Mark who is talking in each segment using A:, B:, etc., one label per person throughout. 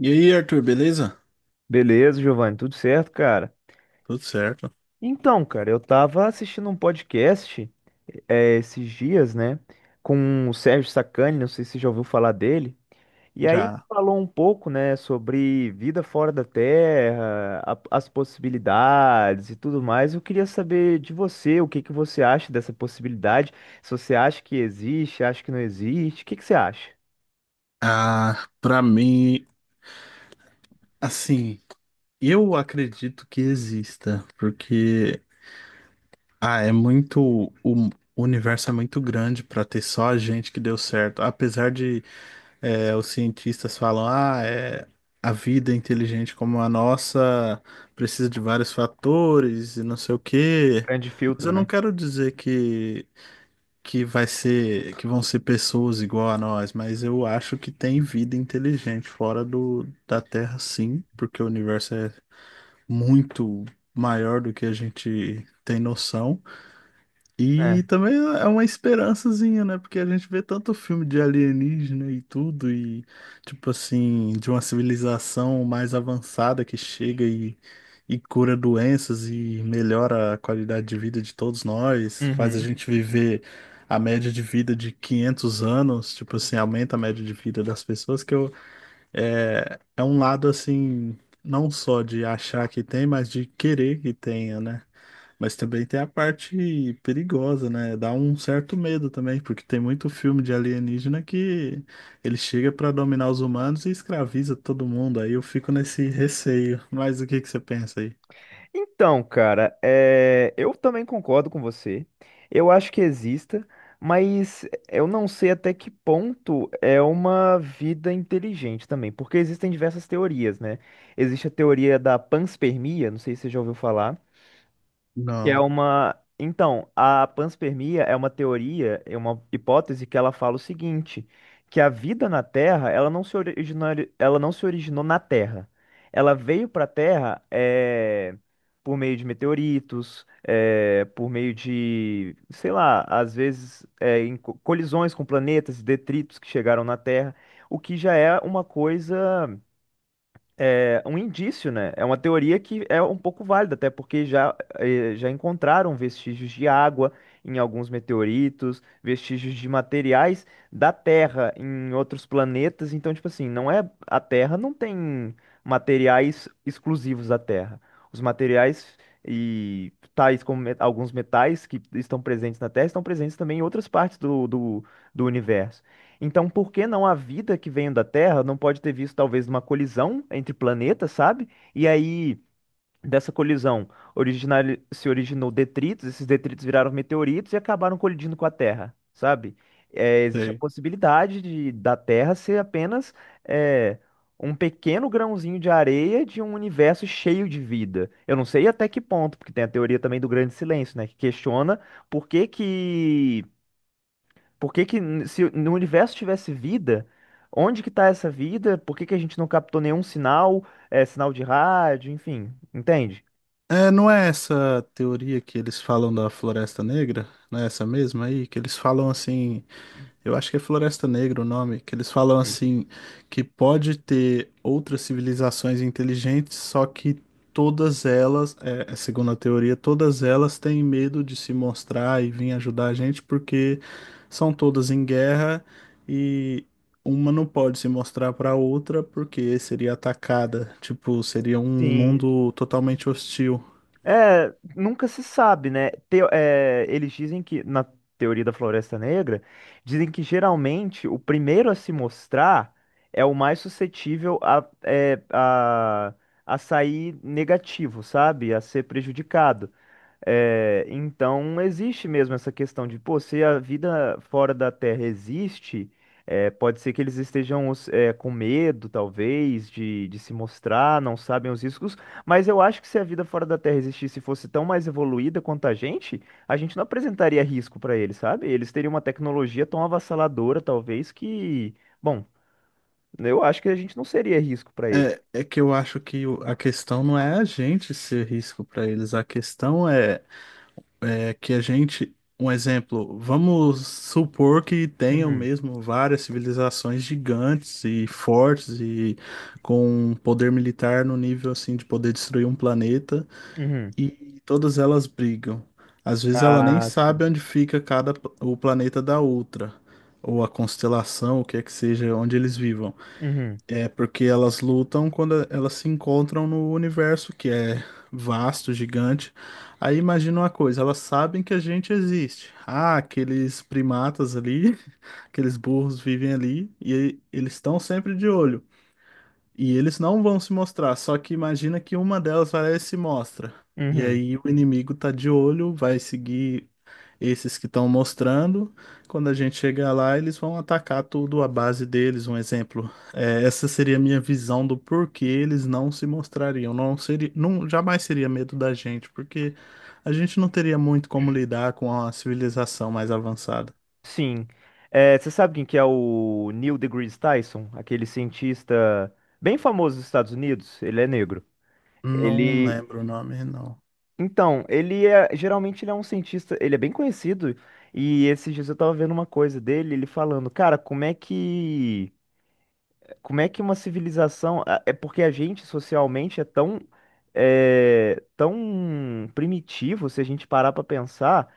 A: E aí, Arthur, beleza?
B: Beleza, Giovanni, tudo certo, cara?
A: Tudo certo?
B: Então, cara, eu tava assistindo um podcast esses dias, né, com o Sérgio Sacani, não sei se você já ouviu falar dele, e aí
A: Já.
B: falou um pouco, né, sobre vida fora da Terra, as possibilidades e tudo mais. Eu queria saber de você, o que que você acha dessa possibilidade, se você acha que existe, acha que não existe, o que que você acha?
A: Ah, pra mim, assim, eu acredito que exista, porque muito o universo é muito grande pra ter só a gente que deu certo. Apesar de os cientistas falam, a vida é inteligente como a nossa precisa de vários fatores e não sei o quê.
B: Grande
A: Mas
B: filtro,
A: eu não
B: né?
A: quero dizer que vai ser, que vão ser pessoas igual a nós, mas eu acho que tem vida inteligente fora da Terra, sim, porque o universo é muito maior do que a gente tem noção.
B: É.
A: E também é uma esperançazinha, né? Porque a gente vê tanto filme de alienígena e tudo, e tipo assim, de uma civilização mais avançada que chega e cura doenças e melhora a qualidade de vida de todos nós, faz a
B: Uhum.
A: gente viver a média de vida de 500 anos, tipo assim, aumenta a média de vida das pessoas, que eu, é um lado assim, não só de achar que tem, mas de querer que tenha, né? Mas também tem a parte perigosa, né? Dá um certo medo também, porque tem muito filme de alienígena que ele chega pra dominar os humanos e escraviza todo mundo. Aí eu fico nesse receio. Mas o que que você pensa aí?
B: Então, cara, é, eu também concordo com você. Eu acho que exista, mas eu não sei até que ponto é uma vida inteligente também, porque existem diversas teorias, né? Existe a teoria da panspermia, não sei se você já ouviu falar, que é
A: Não,
B: uma. Então, a panspermia é uma teoria, é uma hipótese que ela fala o seguinte, que a vida na Terra, ela não se originou, ela não se originou na Terra. Ela veio para a Terra é, por meio de meteoritos, é, por meio de, sei lá, às vezes é, em colisões com planetas, detritos que chegaram na Terra, o que já é uma coisa é, um indício, né? É uma teoria que é um pouco válida, até porque já, já encontraram vestígios de água em alguns meteoritos, vestígios de materiais da Terra em outros planetas. Então, tipo assim, não é a Terra não tem materiais exclusivos da Terra. Os materiais e tais como alguns metais que estão presentes na Terra estão presentes também em outras partes do universo. Então, por que não a vida que veio da Terra não pode ter visto talvez uma colisão entre planetas, sabe? E aí, dessa colisão, originar, se originou detritos, esses detritos viraram meteoritos e acabaram colidindo com a Terra, sabe? É, existe a
A: sei.
B: possibilidade de, da Terra ser apenas é, um pequeno grãozinho de areia de um universo cheio de vida. Eu não sei até que ponto, porque tem a teoria também do grande silêncio, né? Que questiona por que que por que que se no universo tivesse vida, onde que tá essa vida? Por que que a gente não captou nenhum sinal, é, sinal de rádio, enfim, entende?
A: É, não é essa teoria que eles falam da Floresta Negra? Não é essa mesma aí? Que eles falam assim. Eu acho que é Floresta Negra o nome, que eles falam
B: Hum.
A: assim, que pode ter outras civilizações inteligentes, só que todas elas, segundo a teoria, todas elas têm medo de se mostrar e vir ajudar a gente porque são todas em guerra e uma não pode se mostrar para outra porque seria atacada, tipo, seria um
B: Sim.
A: mundo totalmente hostil.
B: É, nunca se sabe, né? É, eles dizem que, na teoria da Floresta Negra, dizem que geralmente o primeiro a se mostrar é o mais suscetível é, a sair negativo, sabe? A ser prejudicado. É, então existe mesmo essa questão de, pô, se a vida fora da Terra existe, é, pode ser que eles estejam é, com medo, talvez, de se mostrar, não sabem os riscos, mas eu acho que se a vida fora da Terra existisse e fosse tão mais evoluída quanto a gente não apresentaria risco para eles, sabe? Eles teriam uma tecnologia tão avassaladora, talvez, que, bom, eu acho que a gente não seria risco para ele.
A: É que eu acho que a questão não é a gente ser risco para eles, a questão é que a gente, um exemplo, vamos supor que tenham
B: Uhum,
A: mesmo várias civilizações gigantes e fortes e com um poder militar no nível assim de poder destruir um planeta
B: uhum.
A: e todas elas brigam. Às vezes ela nem
B: Ah,
A: sabe
B: sim.
A: onde fica cada o planeta da outra, ou a constelação, o que é que seja, onde eles vivam.
B: Uhum,
A: É porque elas lutam quando elas se encontram no universo, que é vasto, gigante. Aí imagina uma coisa, elas sabem que a gente existe. Ah, aqueles primatas ali, aqueles burros vivem ali e eles estão sempre de olho. E eles não vão se mostrar, só que imagina que uma delas vai lá e se mostra. E
B: uhum.
A: aí o inimigo tá de olho, vai seguir esses que estão mostrando. Quando a gente chegar lá, eles vão atacar tudo à base deles. Um exemplo, é, essa seria a minha visão do porquê eles não se mostrariam. Não seria, não, jamais seria medo da gente, porque a gente não teria muito como lidar com a civilização mais avançada.
B: Sim. É, você sabe quem que é o Neil deGrasse Tyson? Aquele cientista bem famoso dos Estados Unidos. Ele é negro.
A: Não
B: Ele.
A: lembro o nome, não.
B: Então, ele é. Geralmente ele é um cientista. Ele é bem conhecido. E esses dias eu tava vendo uma coisa dele, ele falando, cara, como é que. Como é que uma civilização. É porque a gente socialmente é tão. É, tão primitivo, se a gente parar pra pensar.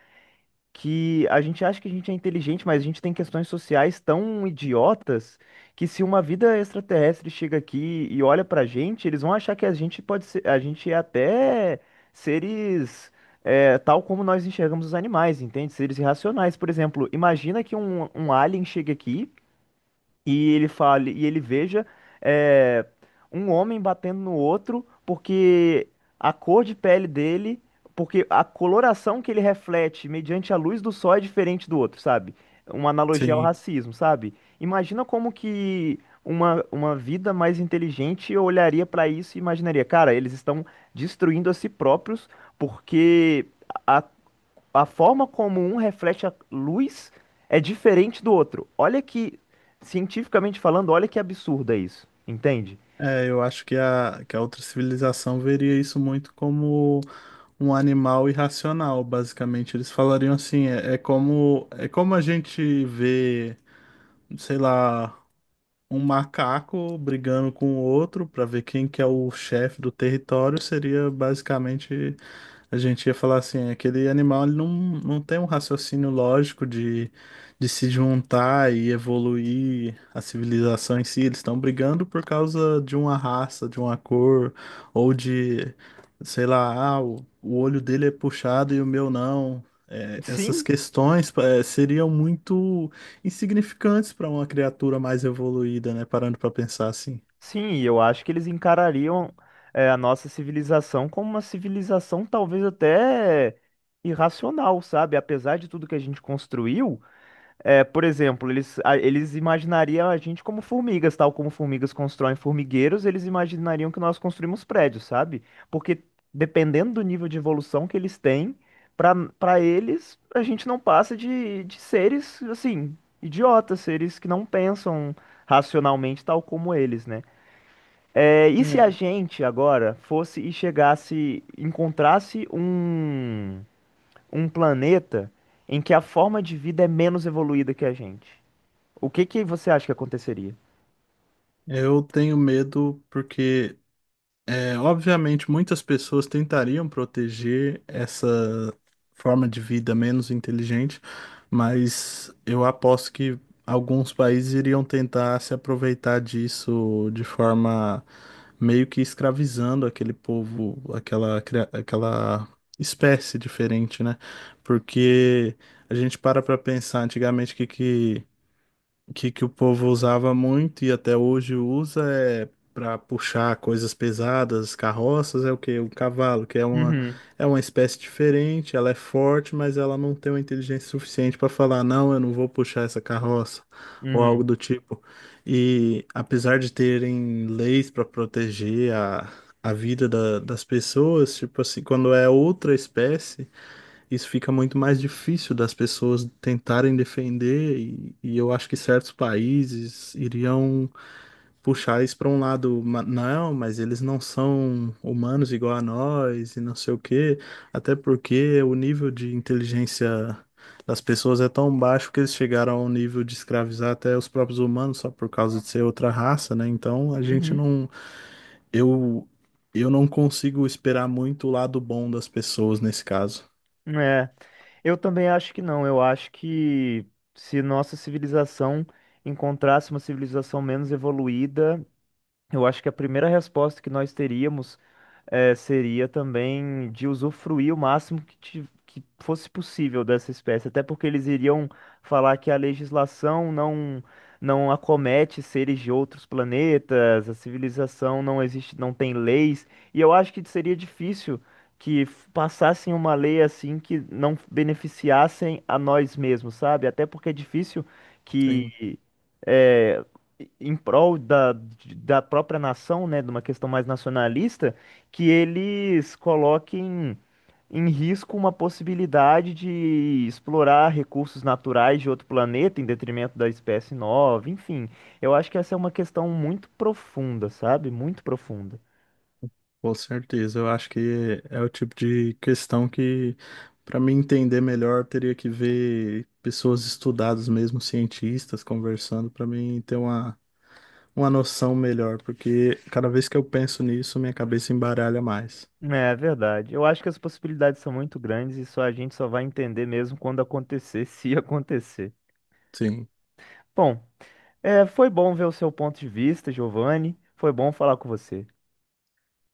B: Que a gente acha que a gente é inteligente, mas a gente tem questões sociais tão idiotas que se uma vida extraterrestre chega aqui e olha pra gente, eles vão achar que a gente pode ser, a gente é até seres é, tal como nós enxergamos os animais, entende? Seres irracionais, por exemplo. Imagina que um alien chega aqui e ele fale e ele veja é, um homem batendo no outro porque a cor de pele dele, porque a coloração que ele reflete mediante a luz do sol é diferente do outro, sabe? Uma analogia ao
A: Sim.
B: racismo, sabe? Imagina como que uma vida mais inteligente olharia para isso e imaginaria, cara, eles estão destruindo a si próprios porque a a forma como um reflete a luz é diferente do outro. Olha que, cientificamente falando, olha que absurdo é isso, entende?
A: É, eu acho que que a outra civilização veria isso muito como um animal irracional, basicamente. Eles falariam assim, é como a gente vê sei lá, um macaco brigando com o outro para ver quem que é o chefe do território seria basicamente a gente ia falar assim, aquele animal ele não, não tem um raciocínio lógico de se juntar e evoluir a civilização em si. Eles estão brigando por causa de uma raça, de uma cor, ou de, sei lá, ah, o olho dele é puxado e o meu não. É, essas
B: Sim,
A: questões seriam muito insignificantes para uma criatura mais evoluída, né? Parando para pensar assim.
B: sim, e eu acho que eles encarariam é, a nossa civilização como uma civilização talvez até irracional, sabe? Apesar de tudo que a gente construiu. É, por exemplo, eles, eles imaginariam a gente como formigas, tal como formigas constroem formigueiros, eles imaginariam que nós construímos prédios, sabe? Porque dependendo do nível de evolução que eles têm, para eles, a gente não passa de seres, assim, idiotas, seres que não pensam racionalmente, tal como eles, né? É, e se a
A: É,
B: gente agora fosse e chegasse, encontrasse um planeta em que a forma de vida é menos evoluída que a gente? O que que você acha que aconteceria?
A: eu tenho medo porque É, obviamente, muitas pessoas tentariam proteger essa forma de vida menos inteligente, mas eu aposto que alguns países iriam tentar se aproveitar disso de forma meio que escravizando aquele povo, aquela espécie diferente, né? Porque a gente para pensar antigamente o que, que o povo usava muito e até hoje usa é para puxar coisas pesadas, carroças, é o quê? O cavalo, que
B: Uhum,
A: é uma espécie diferente, ela é forte, mas ela não tem uma inteligência suficiente para falar, não, eu não vou puxar essa carroça, ou algo
B: uhum,
A: do tipo. E apesar de terem leis para proteger a vida das pessoas, tipo assim, quando é outra espécie isso fica muito mais difícil das pessoas tentarem defender, e eu acho que certos países iriam puxar isso para um lado, mas eles não são humanos igual a nós, e não sei o quê, até porque o nível de inteligência das pessoas é tão baixo que eles chegaram ao nível de escravizar até os próprios humanos só por causa de ser outra raça, né? Então a gente
B: uhum.
A: não. Eu, eu não consigo esperar muito o lado bom das pessoas nesse caso.
B: É, eu também acho que não. Eu acho que se nossa civilização encontrasse uma civilização menos evoluída, eu acho que a primeira resposta que nós teríamos seria também de usufruir o máximo que, que fosse possível dessa espécie, até porque eles iriam falar que a legislação não não acomete seres de outros planetas, a civilização não existe, não tem leis, e eu acho que seria difícil que passassem uma lei assim que não beneficiassem a nós mesmos, sabe? Até porque é difícil
A: Sim.
B: que eh, em prol da, da própria nação, né, de uma questão mais nacionalista, que eles coloquem em risco uma possibilidade de explorar recursos naturais de outro planeta em detrimento da espécie nova, enfim. Eu acho que essa é uma questão muito profunda, sabe? Muito profunda.
A: Com certeza, eu acho que é o tipo de questão que, para me entender melhor, teria que ver pessoas estudadas mesmo, cientistas, conversando, para mim ter uma noção melhor, porque cada vez que eu penso nisso, minha cabeça embaralha mais.
B: É, é verdade. Eu acho que as possibilidades são muito grandes e só a gente só vai entender mesmo quando acontecer, se acontecer.
A: Sim.
B: Bom, é, foi bom ver o seu ponto de vista, Giovanni. Foi bom falar com você.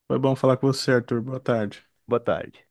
A: Foi bom falar com você, Arthur. Boa tarde.
B: Boa tarde.